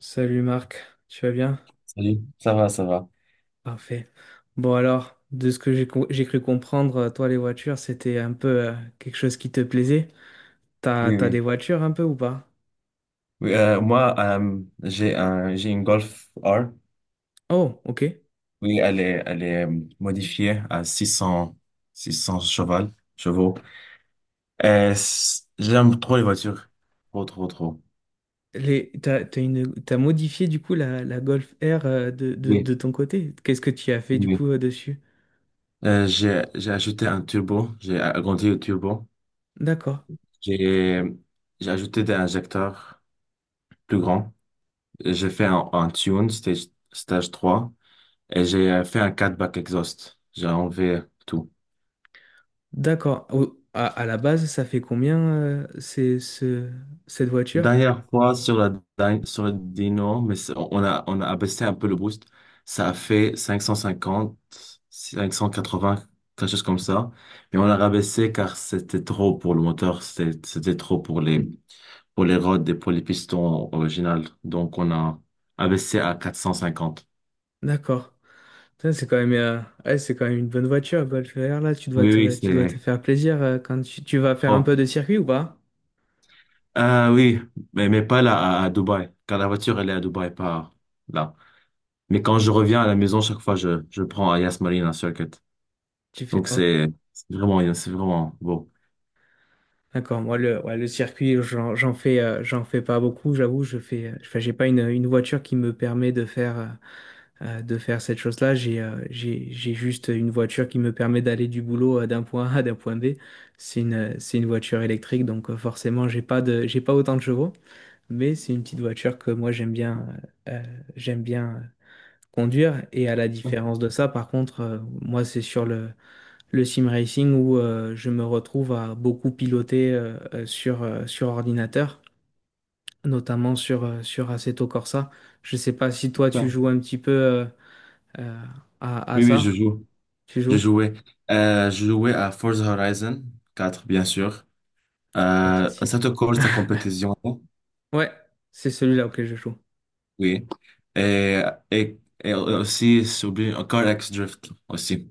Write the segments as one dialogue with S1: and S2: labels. S1: Salut Marc, tu vas bien?
S2: Salut. Ça va, ça va.
S1: Parfait. Bon alors, de ce que j'ai cru comprendre, toi les voitures, c'était un peu quelque chose qui te plaisait. T'as,
S2: Oui,
S1: t'as des
S2: oui.
S1: voitures un peu ou pas?
S2: Oui, moi, j'ai une Golf R.
S1: Oh, ok.
S2: Oui, elle est modifiée à 600, 600 chevaux. J'aime trop les voitures. Trop, trop, trop.
S1: Les, t'as, t'as une, t'as modifié du coup la Golf R de, de,
S2: Oui,
S1: de ton côté. Qu'est-ce que tu as fait du
S2: oui.
S1: coup dessus?
S2: J'ai ajouté un turbo. J'ai agrandi le turbo.
S1: D'accord,
S2: J'ai, j'ai ajouté des injecteurs plus grands. J'ai fait un tune, stage trois. Et j'ai fait un cat back exhaust. J'ai enlevé tout.
S1: d'accord. À la base, ça fait combien cette voiture?
S2: Dernière fois sur sur le Dino, mais on a abaissé un peu le boost. Ça a fait 550, 580, quelque chose comme ça. Mais on a rabaissé car c'était trop pour le moteur, c'était trop pour les rods et pour les pistons originales. Donc on a abaissé à 450.
S1: D'accord. Ça, c'est quand même, ouais, c'est quand même une bonne voiture, Golf R, là. Tu dois
S2: Oui, oui,
S1: te, tu dois te
S2: c'est
S1: faire plaisir quand tu vas faire un
S2: trop.
S1: peu de circuit ou pas?
S2: Ah oui, mais pas là, à Dubaï, car la voiture, elle est à Dubaï, pas là. Mais quand je reviens à la maison, chaque fois, je prends à Yas Marina Circuit.
S1: Tu fais,
S2: Donc
S1: ok.
S2: c'est vraiment bien, c'est vraiment beau.
S1: D'accord, moi, le circuit, j'en fais pas beaucoup, j'avoue. Je fais, enfin, j'ai pas une voiture qui me permet de faire cette chose-là. J'ai juste une voiture qui me permet d'aller du boulot d'un point A à d'un point B. C'est une voiture électrique, donc forcément, j'ai pas autant de chevaux. Mais c'est une petite voiture que moi, euh, euh, j'aime bien conduire. Et à la différence de ça, par contre, moi, c'est le sim racing où je me retrouve à beaucoup piloter sur ordinateur, notamment sur Assetto Corsa. Je sais pas si toi, tu
S2: D'accord.
S1: joues un petit peu euh, à
S2: Oui, oui, je
S1: ça.
S2: joue.
S1: Tu
S2: Je
S1: joues?
S2: jouais. Je jouais à Forza Horizon 4, bien sûr.
S1: Le
S2: Ça
S1: classique.
S2: te colle ta compétition,
S1: Ouais, c'est celui-là auquel je joue.
S2: oui. Et, et aussi, j'ai oublié, Car X Drift aussi.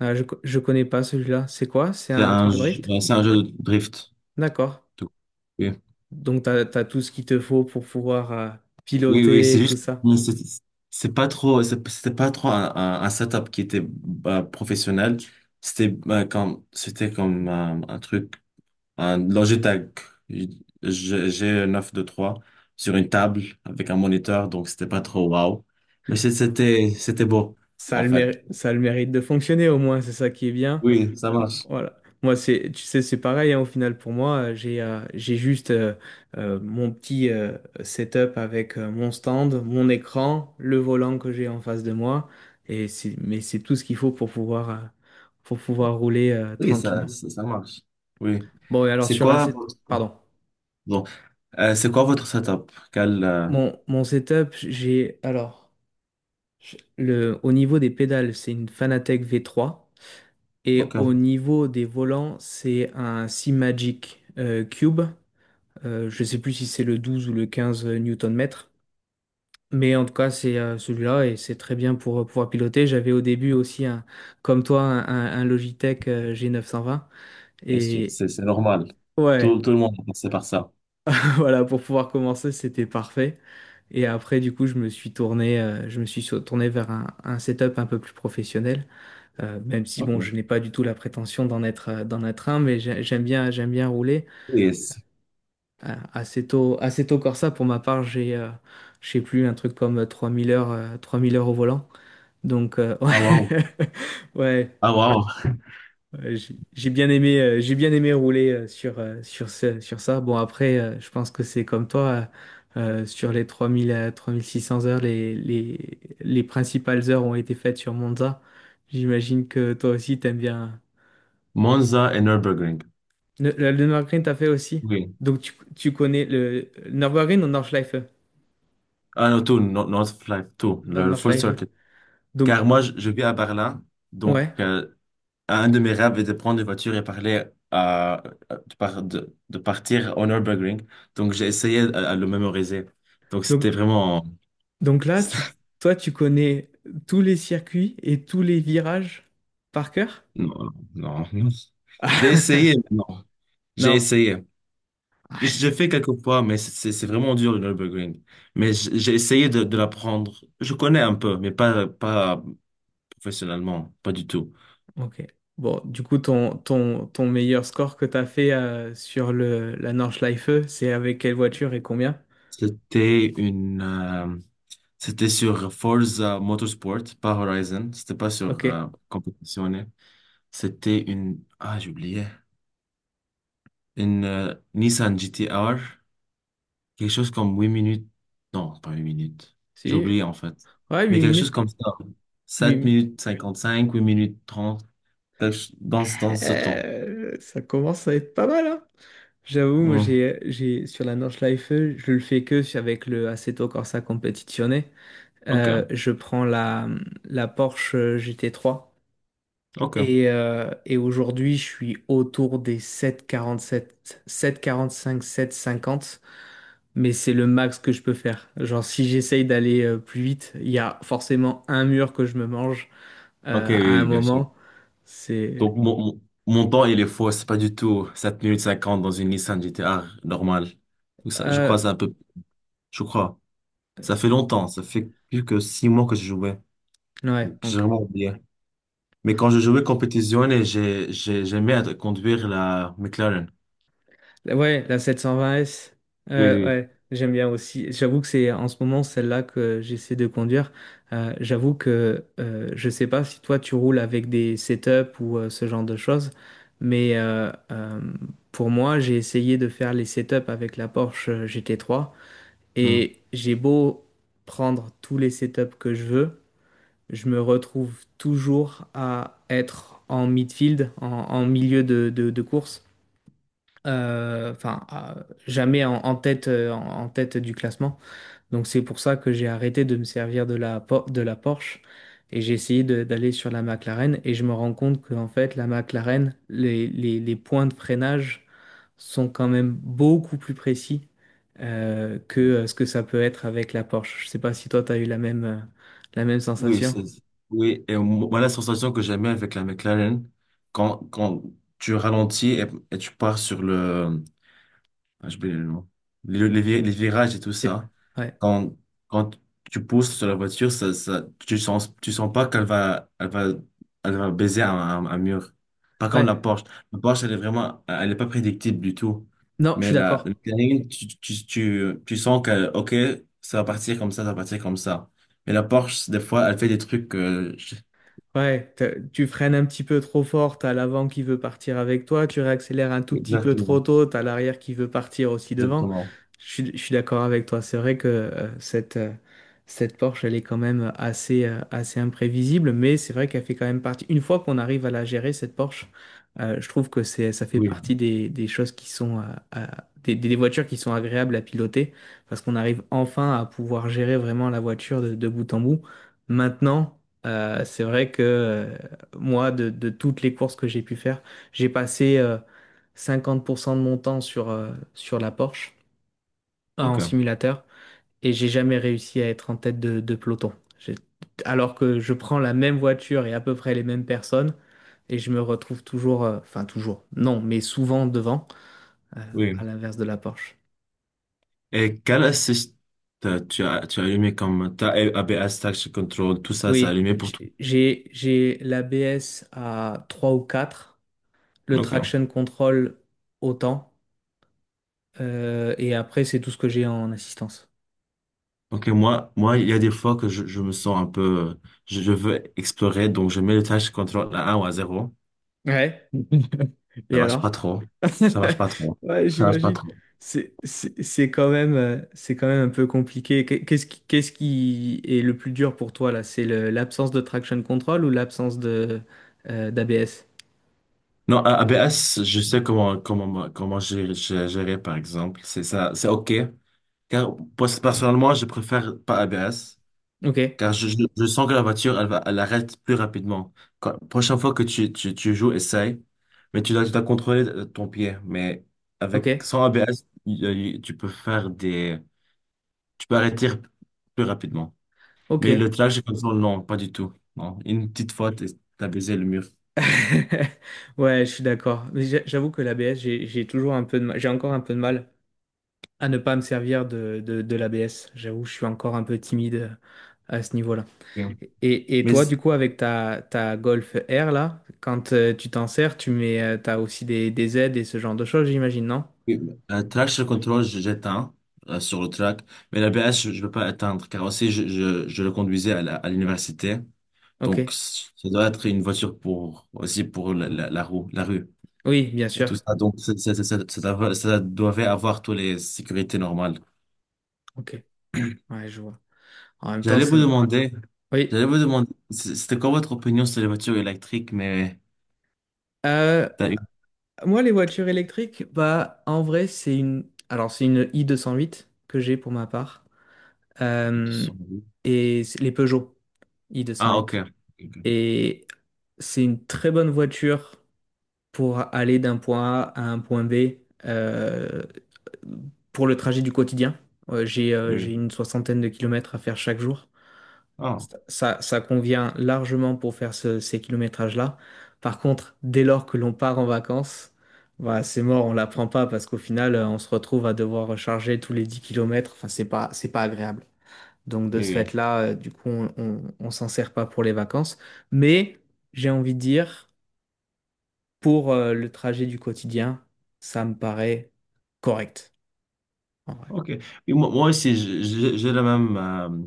S1: Ah, je connais pas celui-là. C'est quoi? C'est
S2: C'est
S1: un truc de drift?
S2: ouais, c'est un jeu de drift.
S1: D'accord.
S2: Tout. Oui,
S1: Donc, t'as tout ce qu'il te faut pour pouvoir
S2: oui, oui,
S1: piloter
S2: c'est
S1: et tout
S2: juste,
S1: ça.
S2: mais c'est pas trop, c'était pas trop un setup qui était bah, professionnel. C'était bah, comme, c'était comme un truc. Un Logitech. J'ai un 923 sur une table avec un moniteur, donc c'était pas trop wow. Mais c'était beau, en fait.
S1: Ça a le mérite de fonctionner au moins, c'est ça qui est bien.
S2: Oui, ça marche.
S1: Voilà. Moi, c'est, tu sais, c'est pareil, hein, au final, pour moi, j'ai juste mon petit setup avec mon stand, mon écran, le volant que j'ai en face de moi, et mais c'est tout ce qu'il faut pour pouvoir rouler
S2: Oui, ça,
S1: tranquillement.
S2: ça, ça marche. Oui.
S1: Bon, et alors,
S2: C'est quoi votre...
S1: pardon,
S2: Bon. C'est quoi votre setup? Quel,
S1: mon setup, alors, au niveau des pédales, c'est une Fanatec V3. Et
S2: Ok,
S1: au niveau des volants, c'est un Seamagic Cube. Je ne sais plus si c'est le 12 ou le 15 Newton-mètre. Mais en tout cas, c'est celui-là et c'est très bien pour pouvoir piloter. J'avais au début aussi, un, comme toi, un Logitech G920.
S2: bien sûr,
S1: Et
S2: c'est normal. Tout,
S1: ouais,
S2: tout le monde a passé par ça.
S1: voilà, pour pouvoir commencer, c'était parfait. Et après, du coup, je me suis tourné, je me suis sur- tourné vers un setup un peu plus professionnel. Même si,
S2: Ok.
S1: bon, je n'ai pas du tout la prétention d'en être un, mais j'aime bien rouler.
S2: Yes.
S1: Assez tôt Corsa, pour ma part, je sais plus, un truc comme 3 000 heures, 3 000 heures au volant. Donc,
S2: Ah, wow.
S1: ouais,
S2: Ah, wow.
S1: ouais, j'ai bien aimé rouler sur ça. Bon, après, je pense que c'est comme toi, sur les 3 000 à 3 600 heures, les principales heures ont été faites sur Monza. J'imagine que toi aussi, t'aimes bien.
S2: Monza et Nürburgring.
S1: Le Nürburgring, t'as fait aussi.
S2: Oui.
S1: Donc, tu connais le Nürburgring ou Nordschleife?
S2: Ah, non, tout, North Flag, tout. Le full
S1: Nordschleife.
S2: circuit.
S1: Donc,
S2: Car moi, je vis à Berlin, donc
S1: ouais.
S2: un de mes rêves est de prendre une voiture et parler à, de partir au Nürburgring. Donc j'ai essayé à le mémoriser. Donc
S1: Donc,
S2: c'était vraiment...
S1: là, toi, tu connais tous les circuits et tous les virages par cœur?
S2: Non, non, non. J'ai essayé, mais non. J'ai
S1: Non.
S2: essayé.
S1: Ah,
S2: J'ai
S1: c'est-
S2: fait quelques fois, mais c'est vraiment dur le Nürburgring. Mais j'ai essayé de l'apprendre. Je connais un peu, mais pas professionnellement, pas du tout.
S1: ok. Bon, du coup, ton meilleur score que tu as fait la Nordschleife, c'est avec quelle voiture et combien?
S2: C'était une... C'était sur Forza Motorsport, pas Horizon. C'était pas sur
S1: Ok.
S2: compétitionné. C'était une... Ah, j'ai oublié. Une Nissan GT-R. Quelque chose comme 8 minutes. Non, pas 8 minutes. J'ai
S1: Si.
S2: oublié en fait.
S1: Ouais,
S2: Mais
S1: 8
S2: quelque chose
S1: minutes.
S2: comme ça.
S1: huit
S2: sept
S1: minutes.
S2: minutes cinquante cinq 8 minutes 30, dans, dans ce temps.
S1: Ça commence à être pas mal, hein? J'avoue, moi,
S2: Hmm.
S1: sur la Nordschleife, je le fais que avec le Assetto Corsa Competizione.
S2: OK.
S1: Je prends la Porsche GT3
S2: OK.
S1: et aujourd'hui je suis autour des 7,47, 7,45, sept quarante quarante 7,47, 7,45, cinquante mais c'est le max que je peux faire. Genre si j'essaye d'aller plus vite, il y a forcément un mur que je me mange
S2: OK, oui,
S1: à un
S2: oui, bien sûr.
S1: moment. C'est...
S2: Donc, mon temps, il est faux. C'est pas du tout 7 minutes 50 dans une Nissan GT-R normale. Donc, ça, je
S1: euh,
S2: crois que c'est un peu... Je crois. Ça fait longtemps, ça fait plus que 6 mois que je jouais.
S1: ouais,
S2: Donc, j'ai
S1: donc
S2: vraiment oublié. Mais quand je jouais compétition, et j'aimais conduire la McLaren.
S1: Ouais, la 720S.
S2: Oui, oui.
S1: Ouais, j'aime bien aussi. J'avoue que c'est en ce moment celle-là que j'essaie de conduire. J'avoue que je sais pas si toi tu roules avec des setups ou ce genre de choses, mais pour moi, j'ai essayé de faire les setups avec la Porsche GT3
S2: Hmm.
S1: et j'ai beau prendre tous les setups que je veux, je me retrouve toujours à être en midfield, en milieu de course, enfin jamais en tête, en tête du classement. Donc c'est pour ça que j'ai arrêté de me servir de la Porsche et j'ai essayé d'aller sur la McLaren et je me rends compte qu'en fait la McLaren les points de freinage sont quand même beaucoup plus précis que ce que ça peut être avec la Porsche. Je sais pas si toi tu as eu la même
S2: Oui, c'est,
S1: sensation.
S2: oui. Et moi, la sensation que j'aimais avec la McLaren, quand tu ralentis et tu pars sur le, Ah, je peux- les virages et tout
S1: Et-
S2: ça.
S1: ouais.
S2: Quand, quand tu pousses sur la voiture, tu sens pas qu'elle va baiser un mur. Pas comme la
S1: Ouais.
S2: Porsche. La Porsche, elle est vraiment, elle est pas prédictible du tout.
S1: Non, je
S2: Mais
S1: suis
S2: la
S1: d'accord.
S2: Cayenne, tu sens que, OK, ça va partir comme ça va partir comme ça. Mais la Porsche, des fois, elle fait des trucs, je-
S1: Ouais, tu freines un petit peu trop fort, t'as l'avant qui veut partir avec toi, tu réaccélères un tout petit peu trop
S2: Exactement.
S1: tôt, t'as l'arrière qui veut partir aussi devant.
S2: Exactement.
S1: Je suis d'accord avec toi, c'est vrai que cette Porsche, elle est quand même assez, assez imprévisible, mais c'est vrai qu'elle fait quand même partie. Une fois qu'on arrive à la gérer, cette Porsche, je trouve que ça fait
S2: Oui.
S1: partie des choses qui sont, des voitures qui sont agréables à piloter, parce qu'on arrive enfin à pouvoir gérer vraiment la voiture de bout en bout. Maintenant, c'est vrai que moi, de toutes les courses que j'ai pu faire, j'ai passé 50% de mon temps sur la Porsche en
S2: OK.
S1: simulateur et j'ai jamais réussi à être en tête de peloton. J'ai- Alors que je prends la même voiture et à peu près les mêmes personnes et je me retrouve toujours, enfin toujours, non, mais souvent devant, euh, à
S2: Oui.
S1: l'inverse de la Porsche.
S2: Et quel assist tu as allumé comme ta ABS, Traction Control, tout ça a
S1: Oui,
S2: allumé pour toi?
S1: j'ai l'ABS à 3 ou 4, le
S2: Ok.
S1: traction control autant. Et après, c'est tout ce que j'ai en assistance.
S2: Ok, moi, il y a des fois que je me sens un peu, je veux explorer, donc je mets le Traction Control à un ou à zéro.
S1: Ouais.
S2: Ça
S1: Et
S2: marche pas
S1: alors?
S2: trop. Ça marche pas trop.
S1: Ouais,
S2: Ça marche pas
S1: j'imagine.
S2: trop.
S1: C'est quand même, c'est quand même un peu compliqué. Qu'est-ce qui est le plus dur pour toi là? L'absence de traction control ou l'absence de d'ABS?
S2: Non, ABS, je sais comment gérer, par exemple. C'est ça, c'est ok. Car, personnellement, je préfère pas ABS.
S1: Ok,
S2: Car je sens que la voiture, elle arrête plus rapidement. Prochaine fois que tu joues, essaye. Mais tu dois contrôler ton pied. Mais
S1: ok,
S2: sans ABS, tu peux tu peux arrêter plus rapidement.
S1: ok.
S2: Mais le trajet comme ça, non, pas du tout. Non. Une petite fois, t'as baisé le mur.
S1: Ouais, je suis d'accord. Mais j'avoue que l'ABS, j'ai toujours un peu de mal, j'ai encore un peu de mal à ne pas me servir de l'ABS. J'avoue, je suis encore un peu timide à ce niveau-là.
S2: Ok.
S1: Et
S2: Mais
S1: toi, du coup, avec ta Golf R, là, quand tu t'en sers, t'as aussi des aides et ce genre de choses, j'imagine, non?
S2: traction control, j'éteins sur le track. Mais l'ABS, je ne peux pas éteindre. Car aussi, je le conduisais à l'université. Donc,
S1: Ok.
S2: ça doit être une voiture pour, aussi pour la rue
S1: Oui, bien
S2: et
S1: sûr.
S2: tout ça. Donc, ça doit avoir toutes les sécurités normales.
S1: Ok. Ouais, je vois. En même temps,
S2: J'allais
S1: c'est...
S2: vous
S1: no.
S2: demander,
S1: Oui.
S2: j'allais vous demander, c'était quoi votre opinion sur les voitures électriques, mais
S1: Euh,
S2: t'as eu...
S1: Moi, les voitures électriques, bah, en vrai, Alors, c'est une i208 que j'ai pour ma part. Euh, et c'est les Peugeot
S2: Ah, ok.
S1: i208.
S2: Ok. Ok.
S1: Et c'est une très bonne voiture pour aller d'un point A à un point B, Euh, pour le trajet du quotidien. J'ai
S2: Oui.
S1: une soixantaine de kilomètres à faire chaque jour.
S2: Ah,
S1: Ça convient largement pour faire ces kilométrages-là. Par contre, dès lors que l'on part en vacances, bah, c'est mort, on ne l'apprend pas parce qu'au final, on se retrouve à devoir recharger tous les 10 kilomètres. Enfin, c'est pas agréable. Donc,
S2: oui.
S1: de ce
S2: Oui.
S1: fait-là, du coup, on s'en sert pas pour les vacances. Mais j'ai envie de dire, pour le trajet du quotidien, ça me paraît correct, en vrai.
S2: OK. Et moi aussi, j'ai la même, euh,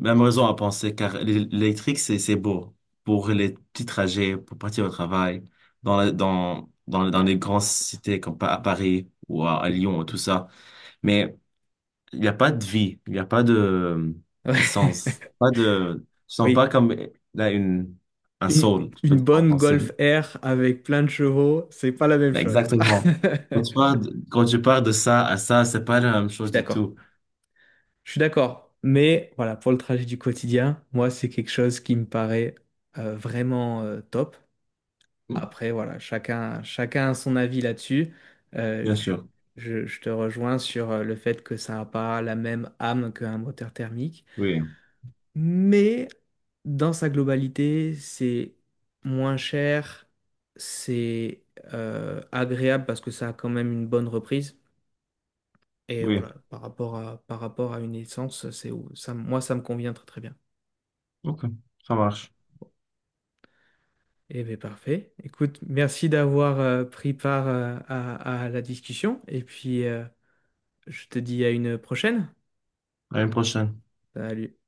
S2: même raison à penser, car l'électrique, c'est beau pour les petits trajets, pour partir au travail, dans, la- dans, dans, dans les grandes cités comme à Paris ou à Lyon, tout ça. Mais il n'y a pas de vie, il n'y a pas de
S1: Ouais.
S2: essence, pas de... Je sens pas
S1: Oui.
S2: comme là, un
S1: Une,
S2: soul, je peux
S1: une
S2: dire en
S1: bonne
S2: français.
S1: Golf R avec plein de chevaux, c'est pas la même
S2: Mais
S1: chose.
S2: exactement. Quand tu pars de, quand tu pars de ça à ça, c'est pas la même
S1: Je
S2: chose
S1: suis
S2: du
S1: d'accord.
S2: tout.
S1: Je suis d'accord. Mais voilà, pour le trajet du quotidien, moi, c'est quelque chose qui me paraît vraiment top. Après, voilà, chacun a son avis là-dessus. Euh,
S2: Bien
S1: je,
S2: sûr.
S1: je te rejoins sur le fait que ça n'a pas la même âme qu'un moteur thermique.
S2: Oui,
S1: Mais dans sa globalité, c'est moins cher, c'est agréable parce que ça a quand même une bonne reprise. Et
S2: oui.
S1: voilà, par rapport à une essence, ça, moi, ça me convient très très bien.
S2: Ok, ça marche.
S1: Eh bien, parfait. Écoute, merci d'avoir pris part à la discussion. Et puis, je te dis à une prochaine.
S2: À une prochaine.
S1: Salut.